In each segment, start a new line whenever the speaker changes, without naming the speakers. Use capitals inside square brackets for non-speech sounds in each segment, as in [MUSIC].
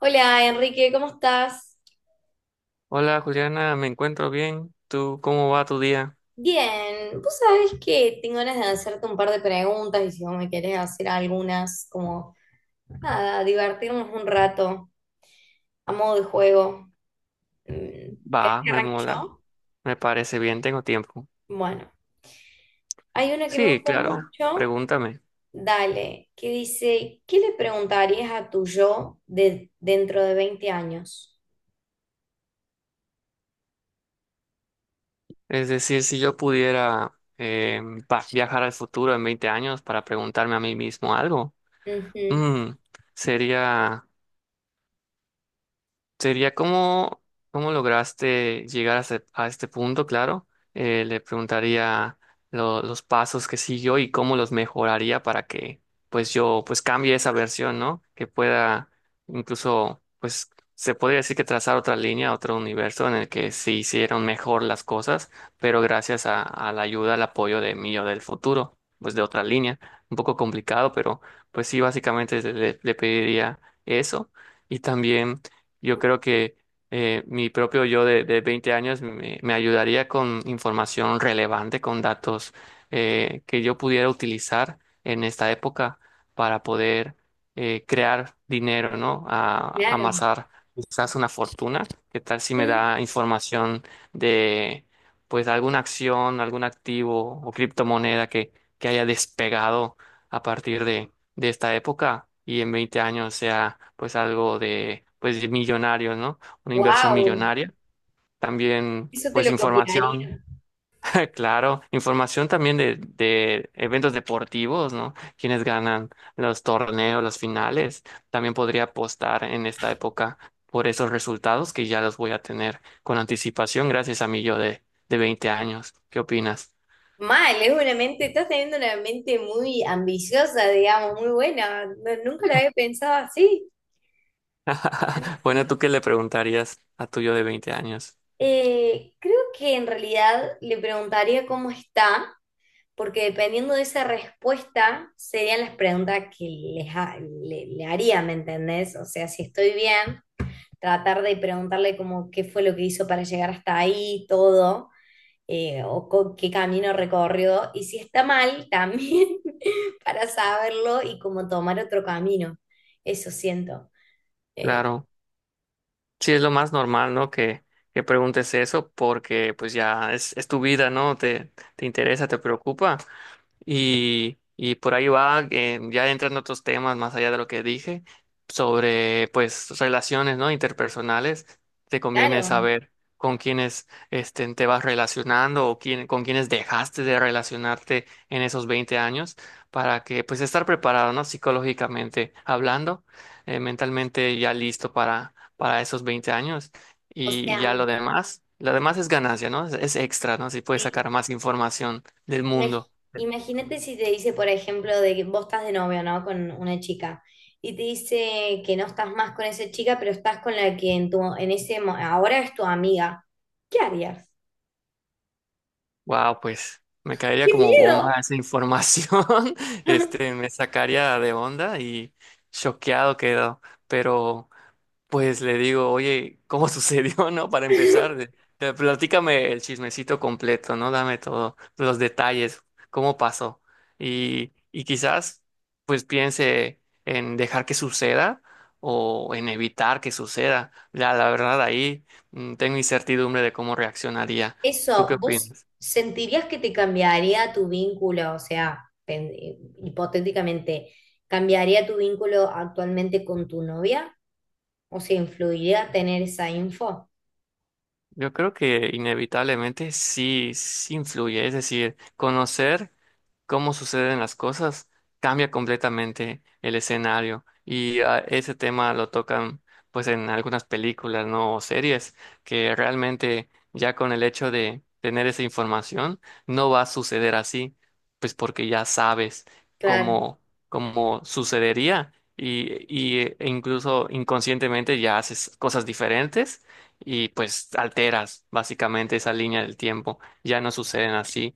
Hola Enrique, ¿cómo estás?
Hola Juliana, me encuentro bien. ¿Tú cómo va tu día?
Bien, vos sabés que tengo ganas de hacerte un par de preguntas y si vos me querés hacer algunas, como nada, divertirnos un rato a modo de juego. ¿Querés
Va,
que
me
arranque
mola,
yo?
me parece bien, tengo tiempo.
Bueno, hay una que me
Sí,
gusta
claro,
mucho,
pregúntame.
dale, que dice, ¿qué le preguntarías a tu yo de dentro de 20 años?
Es decir, si yo pudiera eh, viajar al futuro en 20 años para preguntarme a mí mismo algo,
Ujú,
mm, sería. ¿Cómo, cómo lograste llegar a, a este punto? Claro. Le preguntaría los pasos que siguió y cómo los mejoraría para que pues yo pues cambie esa versión, ¿no? Que pueda, incluso pues, se podría decir que trazar otra línea, otro universo en el que se hicieron mejor las cosas, pero gracias a la ayuda, al apoyo de mí o del futuro, pues de otra línea. Un poco complicado, pero pues sí, básicamente le pediría eso. Y también, yo creo que mi propio yo de 20 años me, me ayudaría con información relevante, con datos que yo pudiera utilizar en esta época para poder crear dinero, ¿no? A,
claro.
amasar quizás una fortuna. ¿Qué tal si me da información de, pues, alguna acción, algún activo o criptomoneda que haya despegado a partir de esta época y en 20 años sea pues algo de pues millonarios, ¿no? Una inversión
Wow,
millonaria. También
eso te
pues
lo
información,
copiaría.
[LAUGHS] claro, información también de eventos deportivos, ¿no? Quienes ganan los torneos, las finales. También podría apostar en esta época por esos resultados que ya los voy a tener con anticipación gracias a mi yo de 20 años. ¿Qué opinas?
Mal, es una mente, estás teniendo una mente muy ambiciosa, digamos, muy buena. Nunca la había pensado así.
[LAUGHS]
Sí.
Bueno, ¿tú qué le preguntarías a tu yo de 20 años?
Creo que en realidad le preguntaría cómo está, porque dependiendo de esa respuesta serían las preguntas que le haría, ¿me entendés? O sea, si estoy bien, tratar de preguntarle como qué fue lo que hizo para llegar hasta ahí, todo. O con qué camino recorrió y si está mal también [LAUGHS] para saberlo y como tomar otro camino. Eso siento. Eh,
Claro. Sí, es lo más normal, ¿no? Que preguntes eso porque pues ya es tu vida, ¿no? Te interesa, te preocupa. Y por ahí va, ya entran otros temas más allá de lo que dije, sobre pues relaciones, ¿no? Interpersonales. Te conviene
claro,
saber con quiénes este, te vas relacionando o quién, con quiénes dejaste de relacionarte en esos 20 años para que pues estar preparado, ¿no? Psicológicamente hablando, mentalmente ya listo para esos 20 años
o
y ya
sea,
lo demás. Lo demás es ganancia, ¿no? Es extra, ¿no? Si puedes
sí.
sacar más información del
Imag-
mundo.
Imagínate si te dice, por ejemplo, de que vos estás de novio, ¿no? Con una chica y te dice que no estás más con esa chica, pero estás con la que en tu, en ese, ahora es tu amiga. ¿Qué harías?
Wow, pues me caería
¡Qué
como bomba
miedo!
esa información. [LAUGHS] Este, me sacaría de onda y choqueado quedo. Pero pues le digo, oye, ¿cómo [LAUGHS] sucedió, no? Para empezar,
[LAUGHS]
platícame el chismecito completo, ¿no? Dame todos los detalles, cómo pasó. Y quizás, pues piense en dejar que suceda o en evitar que suceda. La verdad, ahí tengo incertidumbre de cómo reaccionaría. ¿Tú qué
Eso, ¿vos
opinas?
sentirías que te cambiaría tu vínculo? O sea, hipotéticamente, ¿cambiaría tu vínculo actualmente con tu novia? O sea, ¿influiría tener esa info?
Yo creo que inevitablemente sí, sí influye, es decir, conocer cómo suceden las cosas cambia completamente el escenario y ah, ese tema lo tocan pues en algunas películas, ¿no? O series, que realmente ya con el hecho de tener esa información no va a suceder así, pues porque ya sabes
Claro,
cómo, cómo sucedería. Y, y, e incluso inconscientemente ya haces cosas diferentes y pues alteras básicamente esa línea del tiempo. Ya no suceden así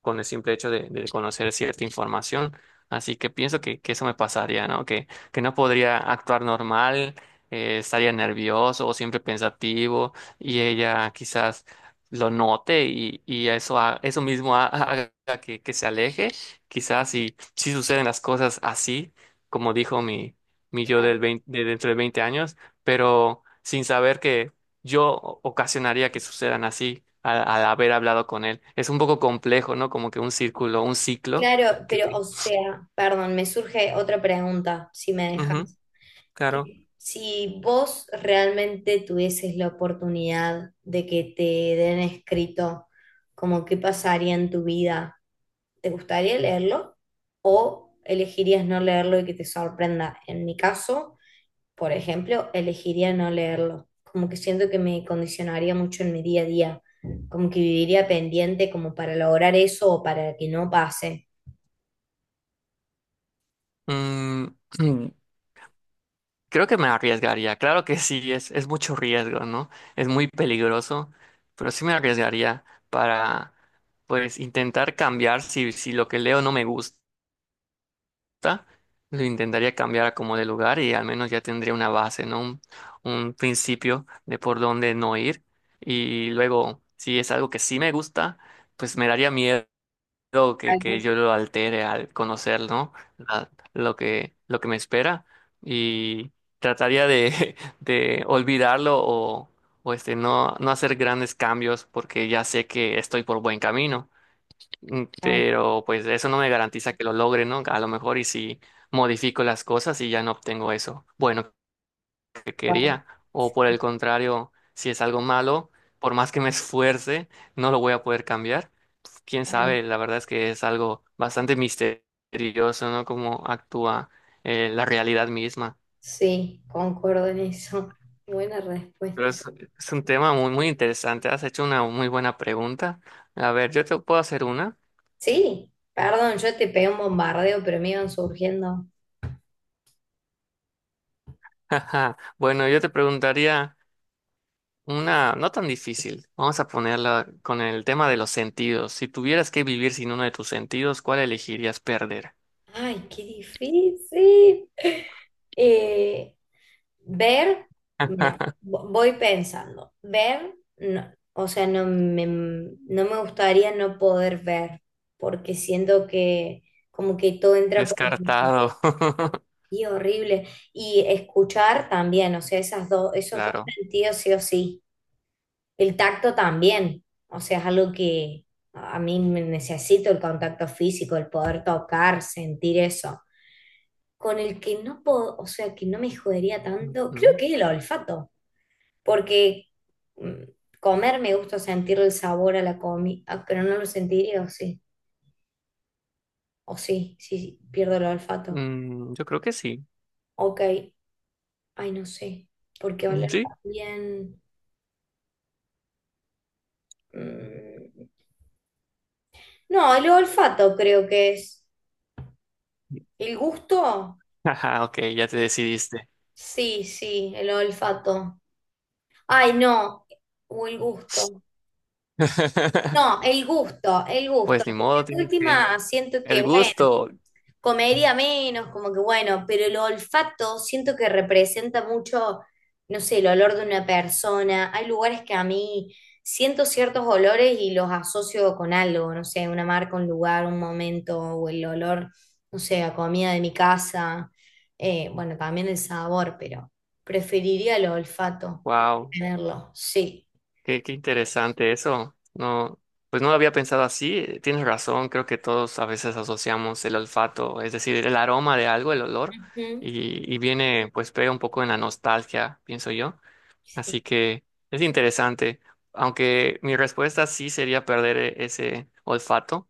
con el simple hecho de conocer cierta información. Así que pienso que eso me pasaría, ¿no? Que no podría actuar normal, estaría nervioso o siempre pensativo y ella quizás lo note y eso, eso mismo [LAUGHS] haga que se aleje. Quizás si, si suceden las cosas así, como dijo mi, mi yo
claro,
del 20 de dentro de 20 años, pero sin saber que yo ocasionaría que sucedan así al, al haber hablado con él. Es un poco complejo, ¿no? Como que un círculo, un ciclo.
claro,
Que...
pero o sea, perdón, me surge otra pregunta, si me
Ujú,
dejas.
claro.
Que si vos realmente tuvieses la oportunidad de que te den escrito como qué pasaría en tu vida, ¿te gustaría leerlo? ¿O elegirías no leerlo y que te sorprenda? En mi caso, por ejemplo, elegiría no leerlo. Como que siento que me condicionaría mucho en mi día a día, como que viviría pendiente como para lograr eso o para que no pase.
Mm, [CLEARS THROAT] mm, creo que me arriesgaría. Claro que sí, es mucho riesgo, ¿no? Es muy peligroso, pero sí me arriesgaría para, pues, intentar cambiar si, si lo que leo no me gusta. Gusta, lo intentaría cambiar a como de lugar y al menos ya tendría una base, ¿no? Un principio de por dónde no ir. Y luego, si es algo que sí me gusta, pues me daría miedo que
Claro,
yo lo altere al conocer, ¿no? Lo que, lo que me espera, y trataría de [LAUGHS] de olvidarlo o este, no, no hacer grandes cambios porque ya sé que estoy por buen camino. Mm,
claro,
pero pues eso no me garantiza que lo logre, ¿no? A lo mejor y si modifico las cosas y ya no obtengo eso bueno que
guau,
quería. O por el contrario, si es algo malo, por más que me esfuerce, no lo voy a poder cambiar. Quién
claro.
sabe, la verdad es que es algo bastante misterioso, ¿no? Cómo actúa la realidad misma.
Sí, concuerdo en eso. [LAUGHS] Buena
Pero
respuesta.
es un tema muy, muy interesante. Has hecho una muy buena pregunta. A ver, yo te puedo hacer una.
Sí, perdón, yo te pegué un bombardeo, pero me iban surgiendo.
[LAUGHS] Bueno, yo te preguntaría una, no tan difícil. Vamos a ponerla con el tema de los sentidos. Si tuvieras que vivir sin uno de tus sentidos, ¿cuál elegirías perder?
Ay, qué difícil. [LAUGHS] Eh, Ver,
[LAUGHS]
mira, voy pensando. Ver, no, o sea, no me gustaría no poder ver, porque siento que como que todo entra por los ojos.
Descartado. [LAUGHS]
Y horrible. Y escuchar también, o sea, esas dos, esos dos
Claro.
sentidos sí o sí. El tacto también, o sea, es algo que a mí me necesito el contacto físico, el poder tocar, sentir eso. Con el que no puedo, o sea, que no me jodería tanto, creo
Ujú.
que es el olfato, porque mm, comer me gusta sentir el sabor a la comida, pero no lo sentiría, o sí, sí, sí, pierdo el olfato.
Mm, yo creo que sí.
Ok, ay, no sé, porque
Mm,
oler
sí.
también... mm, No, el olfato creo que es
[LAUGHS]
el gusto.
Ajá, ok, ya te decidiste.
Sí, sí, el olfato. Ay, no, o el gusto.
[LAUGHS]
No, el gusto, el gusto.
Pues ni
Porque
modo,
de
tienes que.
última siento que,
El
bueno,
gusto.
comería menos, como que bueno, pero el olfato siento que representa mucho, no sé, el olor de una persona. Hay lugares que a mí siento ciertos olores y los asocio con algo, no sé, una marca, un lugar, un momento, o el olor, no sé, a comida de mi casa. Bueno, también el sabor, pero preferiría el olfato,
Wow.
tenerlo, sí.
Qué, qué interesante eso. No, pues no lo había pensado así. Tienes razón, creo que todos a veces asociamos el olfato, es decir, el aroma de algo, el olor,
Ujú,
y viene, pues pega un poco en la nostalgia, pienso yo.
sí.
Así que es interesante, aunque mi respuesta sí sería perder ese olfato,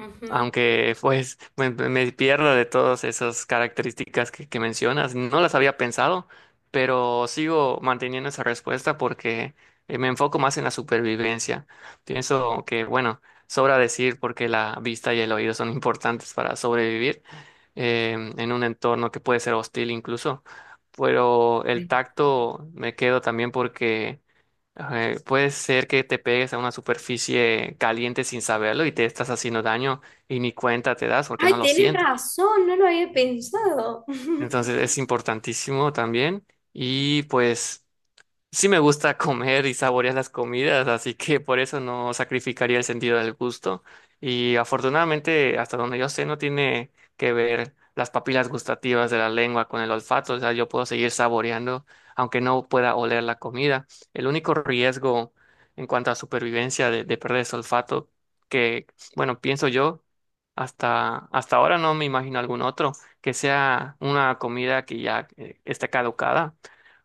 Ujú.
aunque pues me pierdo de todas esas características que mencionas, no las había pensado, pero sigo manteniendo esa respuesta porque me enfoco más en la supervivencia. Pienso que, bueno, sobra decir porque la vista y el oído son importantes para sobrevivir en un entorno que puede ser hostil incluso, pero el tacto me quedo también porque puede ser que te pegues a una superficie caliente sin saberlo y te estás haciendo daño y ni cuenta te das porque
Ay,
no lo
tienes
sientes.
razón, no lo había pensado. [LAUGHS]
Entonces es importantísimo también, y pues sí me gusta comer y saborear las comidas, así que por eso no sacrificaría el sentido del gusto. Y afortunadamente, hasta donde yo sé, no tiene que ver las papilas gustativas de la lengua con el olfato, o sea, yo puedo seguir saboreando aunque no pueda oler la comida. El único riesgo en cuanto a supervivencia de perder ese olfato, que, bueno, pienso yo, hasta, hasta ahora no me imagino algún otro, que sea una comida que ya esté caducada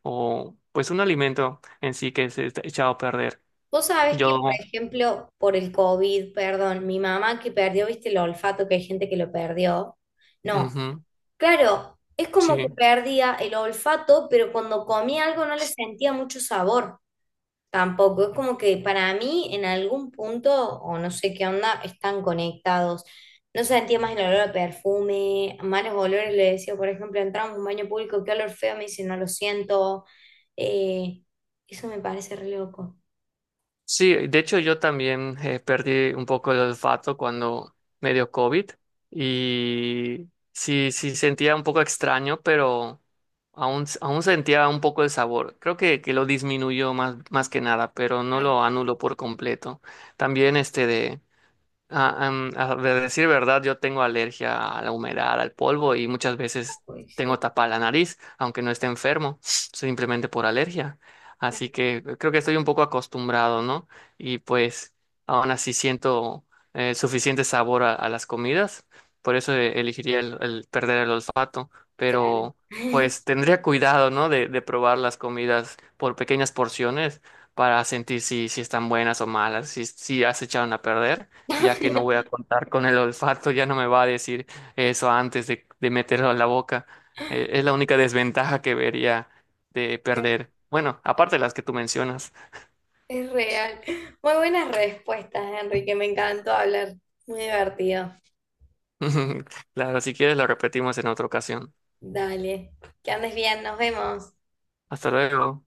o pues un alimento en sí que se está echado a perder.
Vos sabés que, por
Yo,
ejemplo, por el COVID, perdón, mi mamá que perdió, viste, el olfato, que hay gente que lo perdió. No,
ujú,
claro, es como que
sí.
perdía el olfato, pero cuando comía algo no le sentía mucho sabor. Tampoco, es como que para mí en algún punto, o no sé qué onda, están conectados. No sentía más el olor a perfume, malos olores, le decía, por ejemplo, entramos a un baño público, qué olor feo, me dice, no lo siento. Eh, Eso me parece re loco.
Sí, de hecho yo también perdí un poco el olfato cuando me dio COVID y sí, sí sentía un poco extraño, pero aún, aún sentía un poco el sabor. Creo que lo disminuyó más, más que nada, pero no
Claro,
lo anuló por completo. También este de... A, a de decir verdad, yo tengo alergia a la humedad, al polvo y muchas veces
uy,
tengo
sí,
tapada la nariz, aunque no esté enfermo, simplemente por alergia. Así
claro,
que creo que estoy un poco acostumbrado, ¿no? Y pues aún así siento suficiente sabor a las comidas, por eso elegiría el perder el olfato,
claro.
pero pues tendría cuidado, ¿no? De probar las comidas por pequeñas porciones para sentir si, si están buenas o malas, si, si ya se echaron a perder,
Claro,
ya que no voy a
[LAUGHS]
contar con el olfato, ya no me va a decir eso antes de meterlo a la boca. Es la única desventaja que vería de perder. Bueno, aparte de las que tú mencionas.
es real. Muy buenas respuestas, Enrique, me encantó hablar. Muy divertido.
[LAUGHS] Claro, si quieres lo repetimos en otra ocasión.
Dale, que andes bien, nos vemos.
Hasta luego.